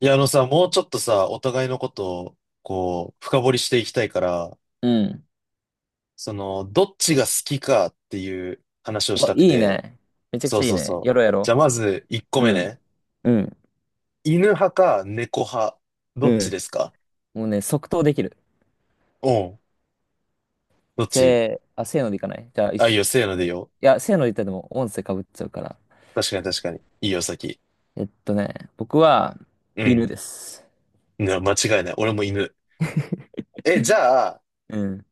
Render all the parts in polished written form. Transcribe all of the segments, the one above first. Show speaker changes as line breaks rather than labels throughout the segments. いや、あのさ、もうちょっとさ、お互いのことを、こう、深掘りしていきたいから、
うん。
その、どっちが好きかっていう話をし
お、
たく
いい
て、
ね。めちゃく
そ
ち
う
ゃいい
そう
ね。
そ
や
う。
ろうや
じ
ろ
ゃあ、まず、1個
う。
目
うん。
ね。
うん。
犬派か猫派、どっ
う
ち
ん。
ですか？
もうね、即答できる。
おうん。どっち？
せーのでいかない？じゃあ、一
あ、いい
緒。
よ、せーのでいいよ。
いや、せーので言ったらでも音声かぶっちゃうから。
確かに確かに。いいよ、先。
僕は、
う
犬
ん。
です。
ね、間違いない。俺も犬。え、じゃあ、
うん。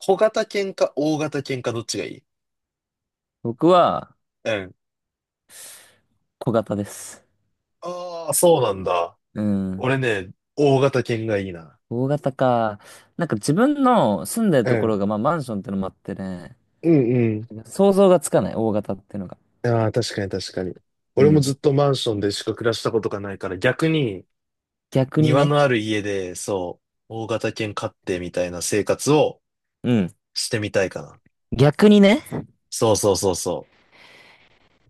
小型犬か大型犬かどっちがいい？
僕は、
うん。
小型です。
ああ、そうなんだ。
うん。
俺ね、大型犬がいいな。
大型か。なんか自分の住んでる
う
とこ
ん。
ろが、まあマンションってのもあってね、
うん、
想像がつかない、大型ってのが。
ああ、確かに確かに。
う
俺もずっ
ん。
とマンションでしか暮らしたことがないから、逆に
逆に
庭
ね。
のある家で、そう、大型犬飼ってみたいな生活を
うん。
してみたいかな。
逆にね。
そうそうそうそ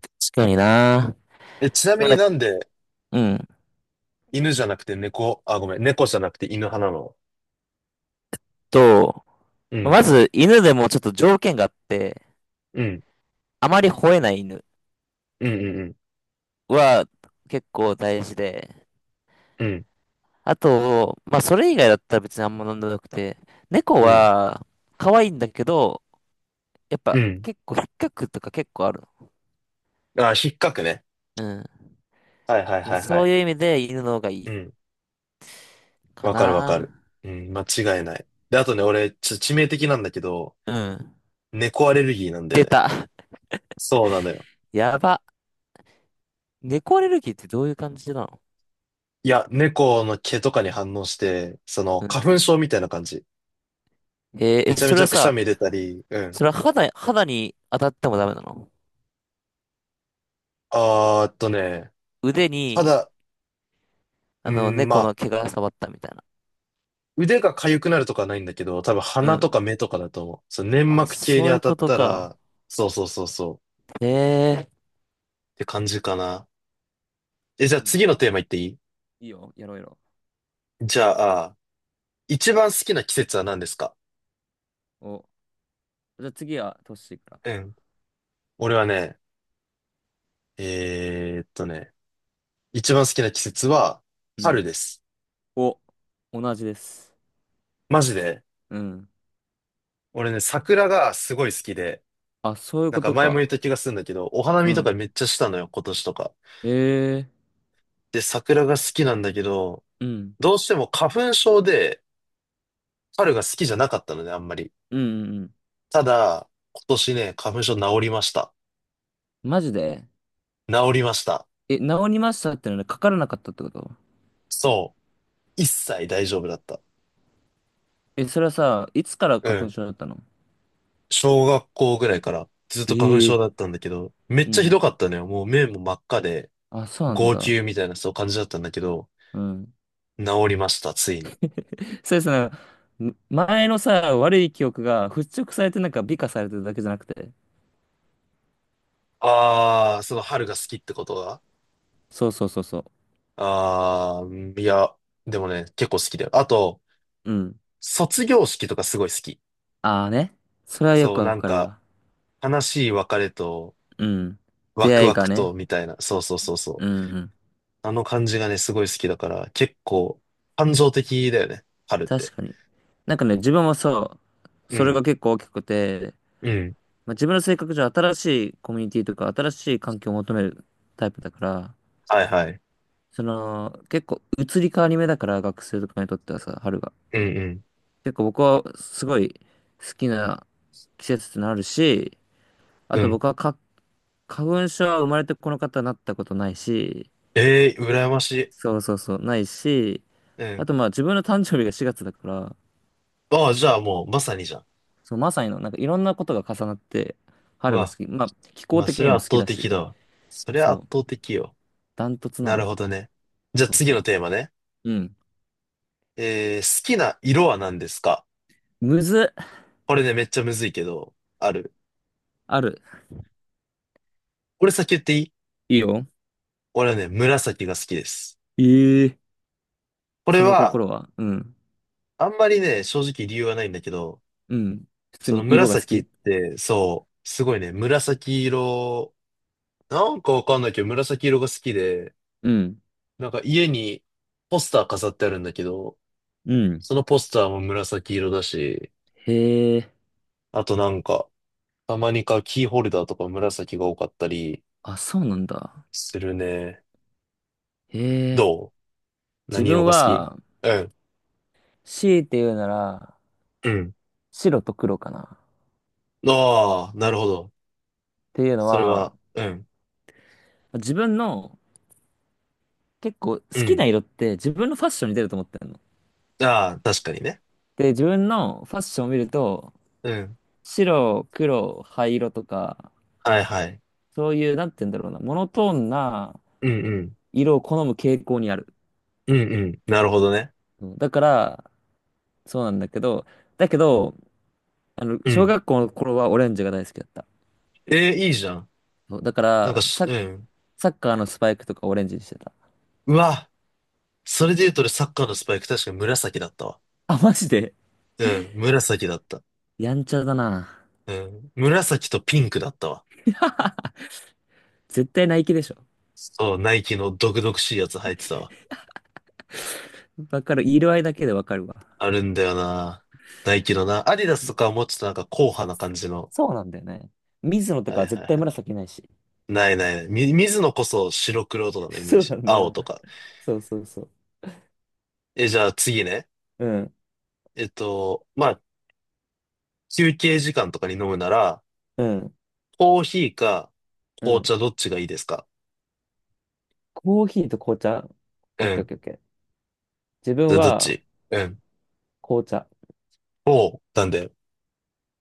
確かにな。
う。え、ちな
で
み
も
に
ね。
なんで
うん。
犬じゃなくて猫、あ、ごめん、猫じゃなくて犬派なの？
と、
うん、
まず犬でもちょっと条件があって、
うん、
あまり吠えない犬
うん、うん、
は結構大事で、
うん、
あと、まあそれ以外だったら別にあんま飲んでなくて、猫
うん、
は可愛いんだけど、やっ
う
ぱ
ん。
結構引っかくとか結構ある
ああ、引っかくね。
の。
はいはい
う
は
ん。
いは
そう
い。
いう意味で犬の方がいい
うん、
か
わかるわかる。
な。
うん、間違いない。で、あとね、俺、致命的なんだけど、
うん。
猫アレルギーなんだよ
出
ね。
た。
そうなのよ。
やば。猫アレルギーってどういう感じなの？
いや、猫の毛とかに反応して、その、
う
花
ん。
粉症みたいな感じ。
え
め
え、
ちゃめ
そ
ち
れ
ゃ
は
くしゃ
さ、
み出たり、うん。
それは肌に当たってもダメなの？
あーっとね、
腕
た
に、
だ、うん、ま
猫
あ、
の毛が触ったみたいな。
腕が痒くなるとかはないんだけど、多分
う
鼻
ん。
とか目とかだと思う。そう、粘
あ、
膜系に
そうい
当
う
たっ
こと
た
か。
ら、そうそうそうそう、っ
へえ。
て感じかな。え、じ
じ
ゃ
ゃ
あ
あもう
次
そ
の
れは
テー
も
マ
う
いっていい？
いいよ、やろうやろ
じゃあ、一番好きな季節は何ですか？
う。お、じゃあ次はトッシーから。
うん。俺はね、えーっとね、一番好きな季節は、
う
春
ん。
です。
お、同じです。
マジで。
うん。
俺ね、桜がすごい好きで、
あ、そういう
なん
こ
か
と
前も言っ
か。
た気がするんだけど、お花
う
見と
ん。
かめっちゃしたのよ、今年とか。
ええ。
で、桜が好きなんだけど、
うん。
どうしても花粉症で春が好きじゃなかったのね、あんまり。
うんうんうん。
ただ、今年ね、花粉症治りました。
マジで？
治りました。
え、治りましたってのはかからなかったってこと？
そう。一切大丈夫だった。
え、それはさ、いつから
う
花粉
ん。
症だったの？
小学校ぐらいからずっと花粉症
ええ。
だったんだけど、めっ
う
ちゃひど
ん。
かったのよ。もう目も真っ赤で、
あ、そうなん
号
だ。
泣みたいなそう感じだったんだけど、
うん。
治りました、ついに。
そうですね。前のさ、悪い記憶が払拭されてなんか美化されてるだけじゃなくて。
あー、その春が好きってことが。
そうそうそうそ
ああ、いや、でもね、結構好きだよ。あと、
う。うん。
卒業式とかすごい好き。
ああね。それはよ
そ
く
う、
わ
なん
かる
か、
わ。
悲しい別れと、
うん。
ワ
出
ク
会い
ワ
が
クと、
ね。
みたいな。そうそうそうそ
うん
う。
うん。
あの感じがね、すごい好きだから、結構、感情的だよね、春って。
確かに。なんかね、自分もそう、
う
それ
ん、
が結構大きくて、
うん、
まあ、自分の性格上新しいコミュニティとか新しい環境を求めるタイプだから、
はいはい。
その、結構移り変わり目だから、学生とかにとってはさ、春が。
うん、
結構僕はすごい好きな季節ってのあるし、あ
うん、う
と
ん。
僕はか、花粉症は生まれてこの方になったことないし、
ええー、羨ましい。
そうそうそう、ないし、
う
あ
ん。
とまあ自分の誕生日が4月だから、
ああ、じゃあもう、まさにじゃん。
そう、まさにの、なんかいろんなことが重なって、
う
春が
わ、
好き。まあ、気候
まあ、
的
それ
に
は
も
圧
好き
倒
だ
的
し、
だわ。それは圧
そ
倒
う、
的よ。
ダントツな
な
の
る
よ。
ほどね。じゃあ
そう
次
そ
の
う。
テーマね。
うん。
好きな色は何ですか？
むず、
これね、めっちゃむずいけど、ある。
ある。
俺先言っていい？
いいよ。
俺はね、紫が好きです。
ええ。
これ
その
は、
心は、うん。
あんまりね、正直理由はないんだけど、
うん。普通
その
に色が好
紫っ
き？
て、そう、すごいね、紫色、なんかわかんないけど、紫色が好きで、
うん。
なんか家にポスター飾ってあるんだけど、
うん。
そのポスターも紫色だし、
へえ。
あとなんか、たまに買うキーホルダーとか紫が多かったり
あ、そうなんだ。
するね。
へえ。
どう、
自
何色
分
が好き？
は、
うん。
強いて言うなら、
うん、
白と黒かな。っ
ああ、なるほど。
ていうの
それ
は、
は、うん。
自分の結構好
う
き
ん、
な色って自分のファッションに出ると思ってるの。
ああ、確かにね。
で、自分のファッションを見ると、
うん。
白、黒、灰色とか、
はいはい。
そういう、なんて言うんだろうな、モノトーンな
うんうん。
色を好む傾向にある。
うんうん。なるほどね。
うん。だから、そうなんだけど、だけど、
う
小
ん。
学校の頃はオレンジが大好きだった。
えー、いいじゃん。
そうだか
なんか
ら、
し、うん。
サッカーのスパイクとかオレンジにしてた。
うわ、それで言うと俺サッカーのスパイク確かに紫だったわ。
あ、マジで？
うん、紫だった。
やんちゃだな。
うん。紫とピンクだったわ。
絶対ナイキでしょ。
そう、ナイキの毒々しいやつ入ってたわ。
わかる。色合いだけでわかるわ。
あるんだよな。ナイキのな。アディダスとかはもうちょっとなんか硬派な感じの。
そうなんだよね。水野と
はい
か
はい
絶
は
対
い。
紫ないし。
ないない。水野こそ白黒と かのイメー
そう
ジ。
なんだよ
青と
な。
か。
そうそうそ
え、じゃあ次ね。
う。うん、
まあ、休憩時間とかに飲むなら、
うん、
コーヒーか
う
紅
ん。
茶どっちがいいですか？
コーヒーと紅茶？
う
オッケーオッ
ん。
ケーオッケー。自
じ
分
ゃあどっ
は
ち？うん。
紅茶。
おう、なんだよ。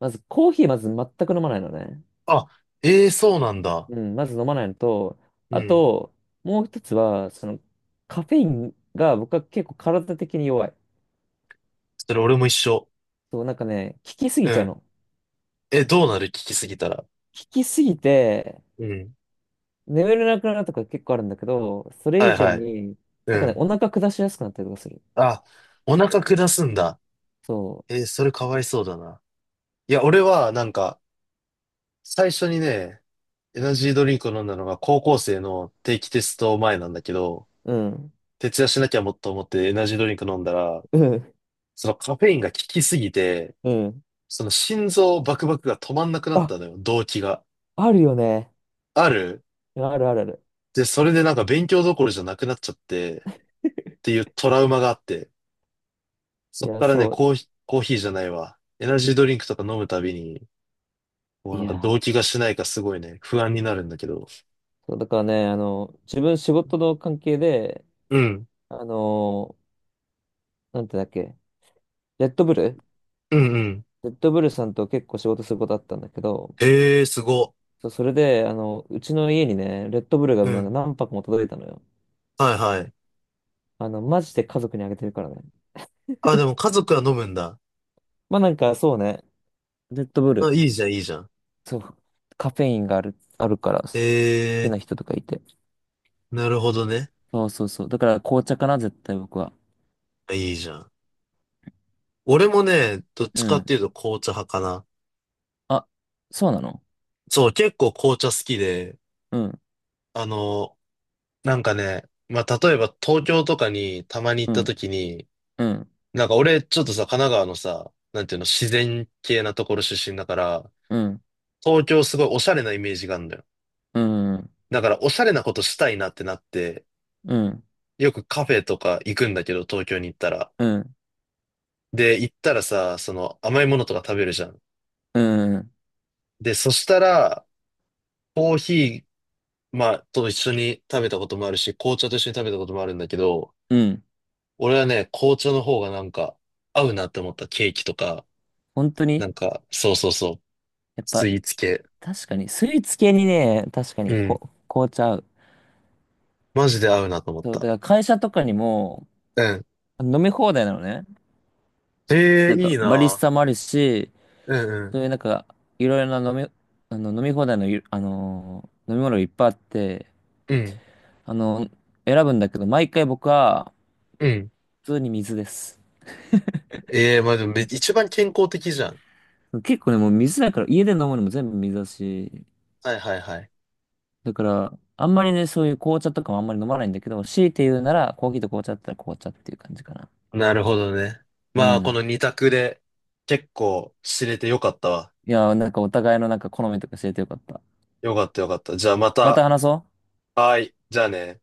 まずコーヒーまず全く飲まないのね。
あ、ええ、そうなんだ。
うん、まず飲まないのと、
う
あ
ん。
と、もう一つは、その、カフェインが僕は結構体的に弱い。
それ俺も一緒。
そう、なんかね、効きすぎ
う
ちゃう
ん。
の。効
え、どうなる、聞きすぎたら。
きすぎて、
うん。
眠れなくなるとか結構あるんだけど、それ
は
以
い
上
はい。
に、
う
なんかね、
ん。
お腹下しやすくなったりとかする。
あ、お腹下すんだ。
そ
えーそれかわいそうだな。いや、俺はなんか、最初にね、エナジードリンクを飲んだのが高校生の定期テスト前なんだけど、
う。うん。
徹夜しなきゃもっと思ってエナジードリンク飲んだら、
うん。
そのカフェインが効きすぎて、
うん。
その心臓バクバクが止まんなくなっ
あ、
たのよ、動悸が。
あるよね。
ある。
あるあるある。
で、それでなんか勉強どころじゃなくなっちゃって、っていうトラウマがあって、
い
そっ
や、
からね、
そう。
コーヒー、コーヒーじゃないわ。エナジードリンクとか飲むたびに、もう
い
なんか動
や、
悸がしないかすごいね、不安になるんだけど。
そう、だからね、自分仕事の関係で、
うん。
あの、なんてだっけ、レッドブル
うんうん。
レッドブルさんと結構仕事することあったんだけど、
へえ、すご。
そう、それで、うちの家にね、レッドブルが
う
なんか
ん。
何泊も届いたのよ。
はい。
マジで家族にあげてるからね。
あ、でも家族は飲むんだ。
まあなんか、そうね、レッドブル、
あ、いいじゃん、いいじゃん。
そう、カフェインがあるから、好きな
え
人とかいて。
ー、なるほどね。
そうそうそう。だから紅茶かな、絶対僕は。
あ、いいじゃん。俺もね、どっち
う
かっ
ん。
ていうと紅茶派かな。
あ、そうなの？
そう、結構紅茶好きで、
うん、
あの、なんかね、まあ、例えば東京とかにたまに行っ
う
た
ん、
時に、
うん、
なんか俺ちょっとさ、神奈川のさ、なんていうの、自然系なところ出身だから、
うん、
東京すごいおしゃれなイメージがあるんだよ。
うん、うん、
だからおしゃれなことしたいなってなって、
うん、
よくカフェとか行くんだけど、東京に行ったら。
うん、
で、行ったらさ、その甘いものとか食べるじゃん。
うん。
で、そしたら、コーヒー、まあ、と一緒に食べたこともあるし、紅茶と一緒に食べたこともあるんだけど、
うん。
俺はね、紅茶の方がなんか合うなって思ったケーキとか、
本当
な
に？
んか、そうそうそう、
やっ
ス
ぱ、
イーツ系。
確かに、スイーツ系にね、確か
う
に、
ん。
紅茶合う。
マジで合うなと思っ
そう、だ
た。
から会社とかにも
うん。
飲み放題なのね。
ええ、
なん
い
か、
い
バリス
な。
タもあるし、
うんう
そ
ん。
ういうなんか、いろいろな飲み、飲み放題のゆ、あのー飲み物がいっぱいあって、
うん。
あの、選ぶんだけど、毎回僕は、
うん。
普通に水です。
ええ、まあでもめ一番健康的じゃん。
結構ね、もう水だから、家で飲むのも全部水だし、
はいはいはい。
だから、あんまりね、そういう紅茶とかもあんまり飲まないんだけど、強いて言うなら、コーヒーと紅茶だったら紅茶っていう感じかな。
なるほどね。
う
まあ、こ
ん。
の二択で結構知れてよかったわ。
いやー、なんかお互いのなんか好みとか教えてよかった。
よかったよかった。じゃあま
また
た、
話そう。
はい。じゃあね。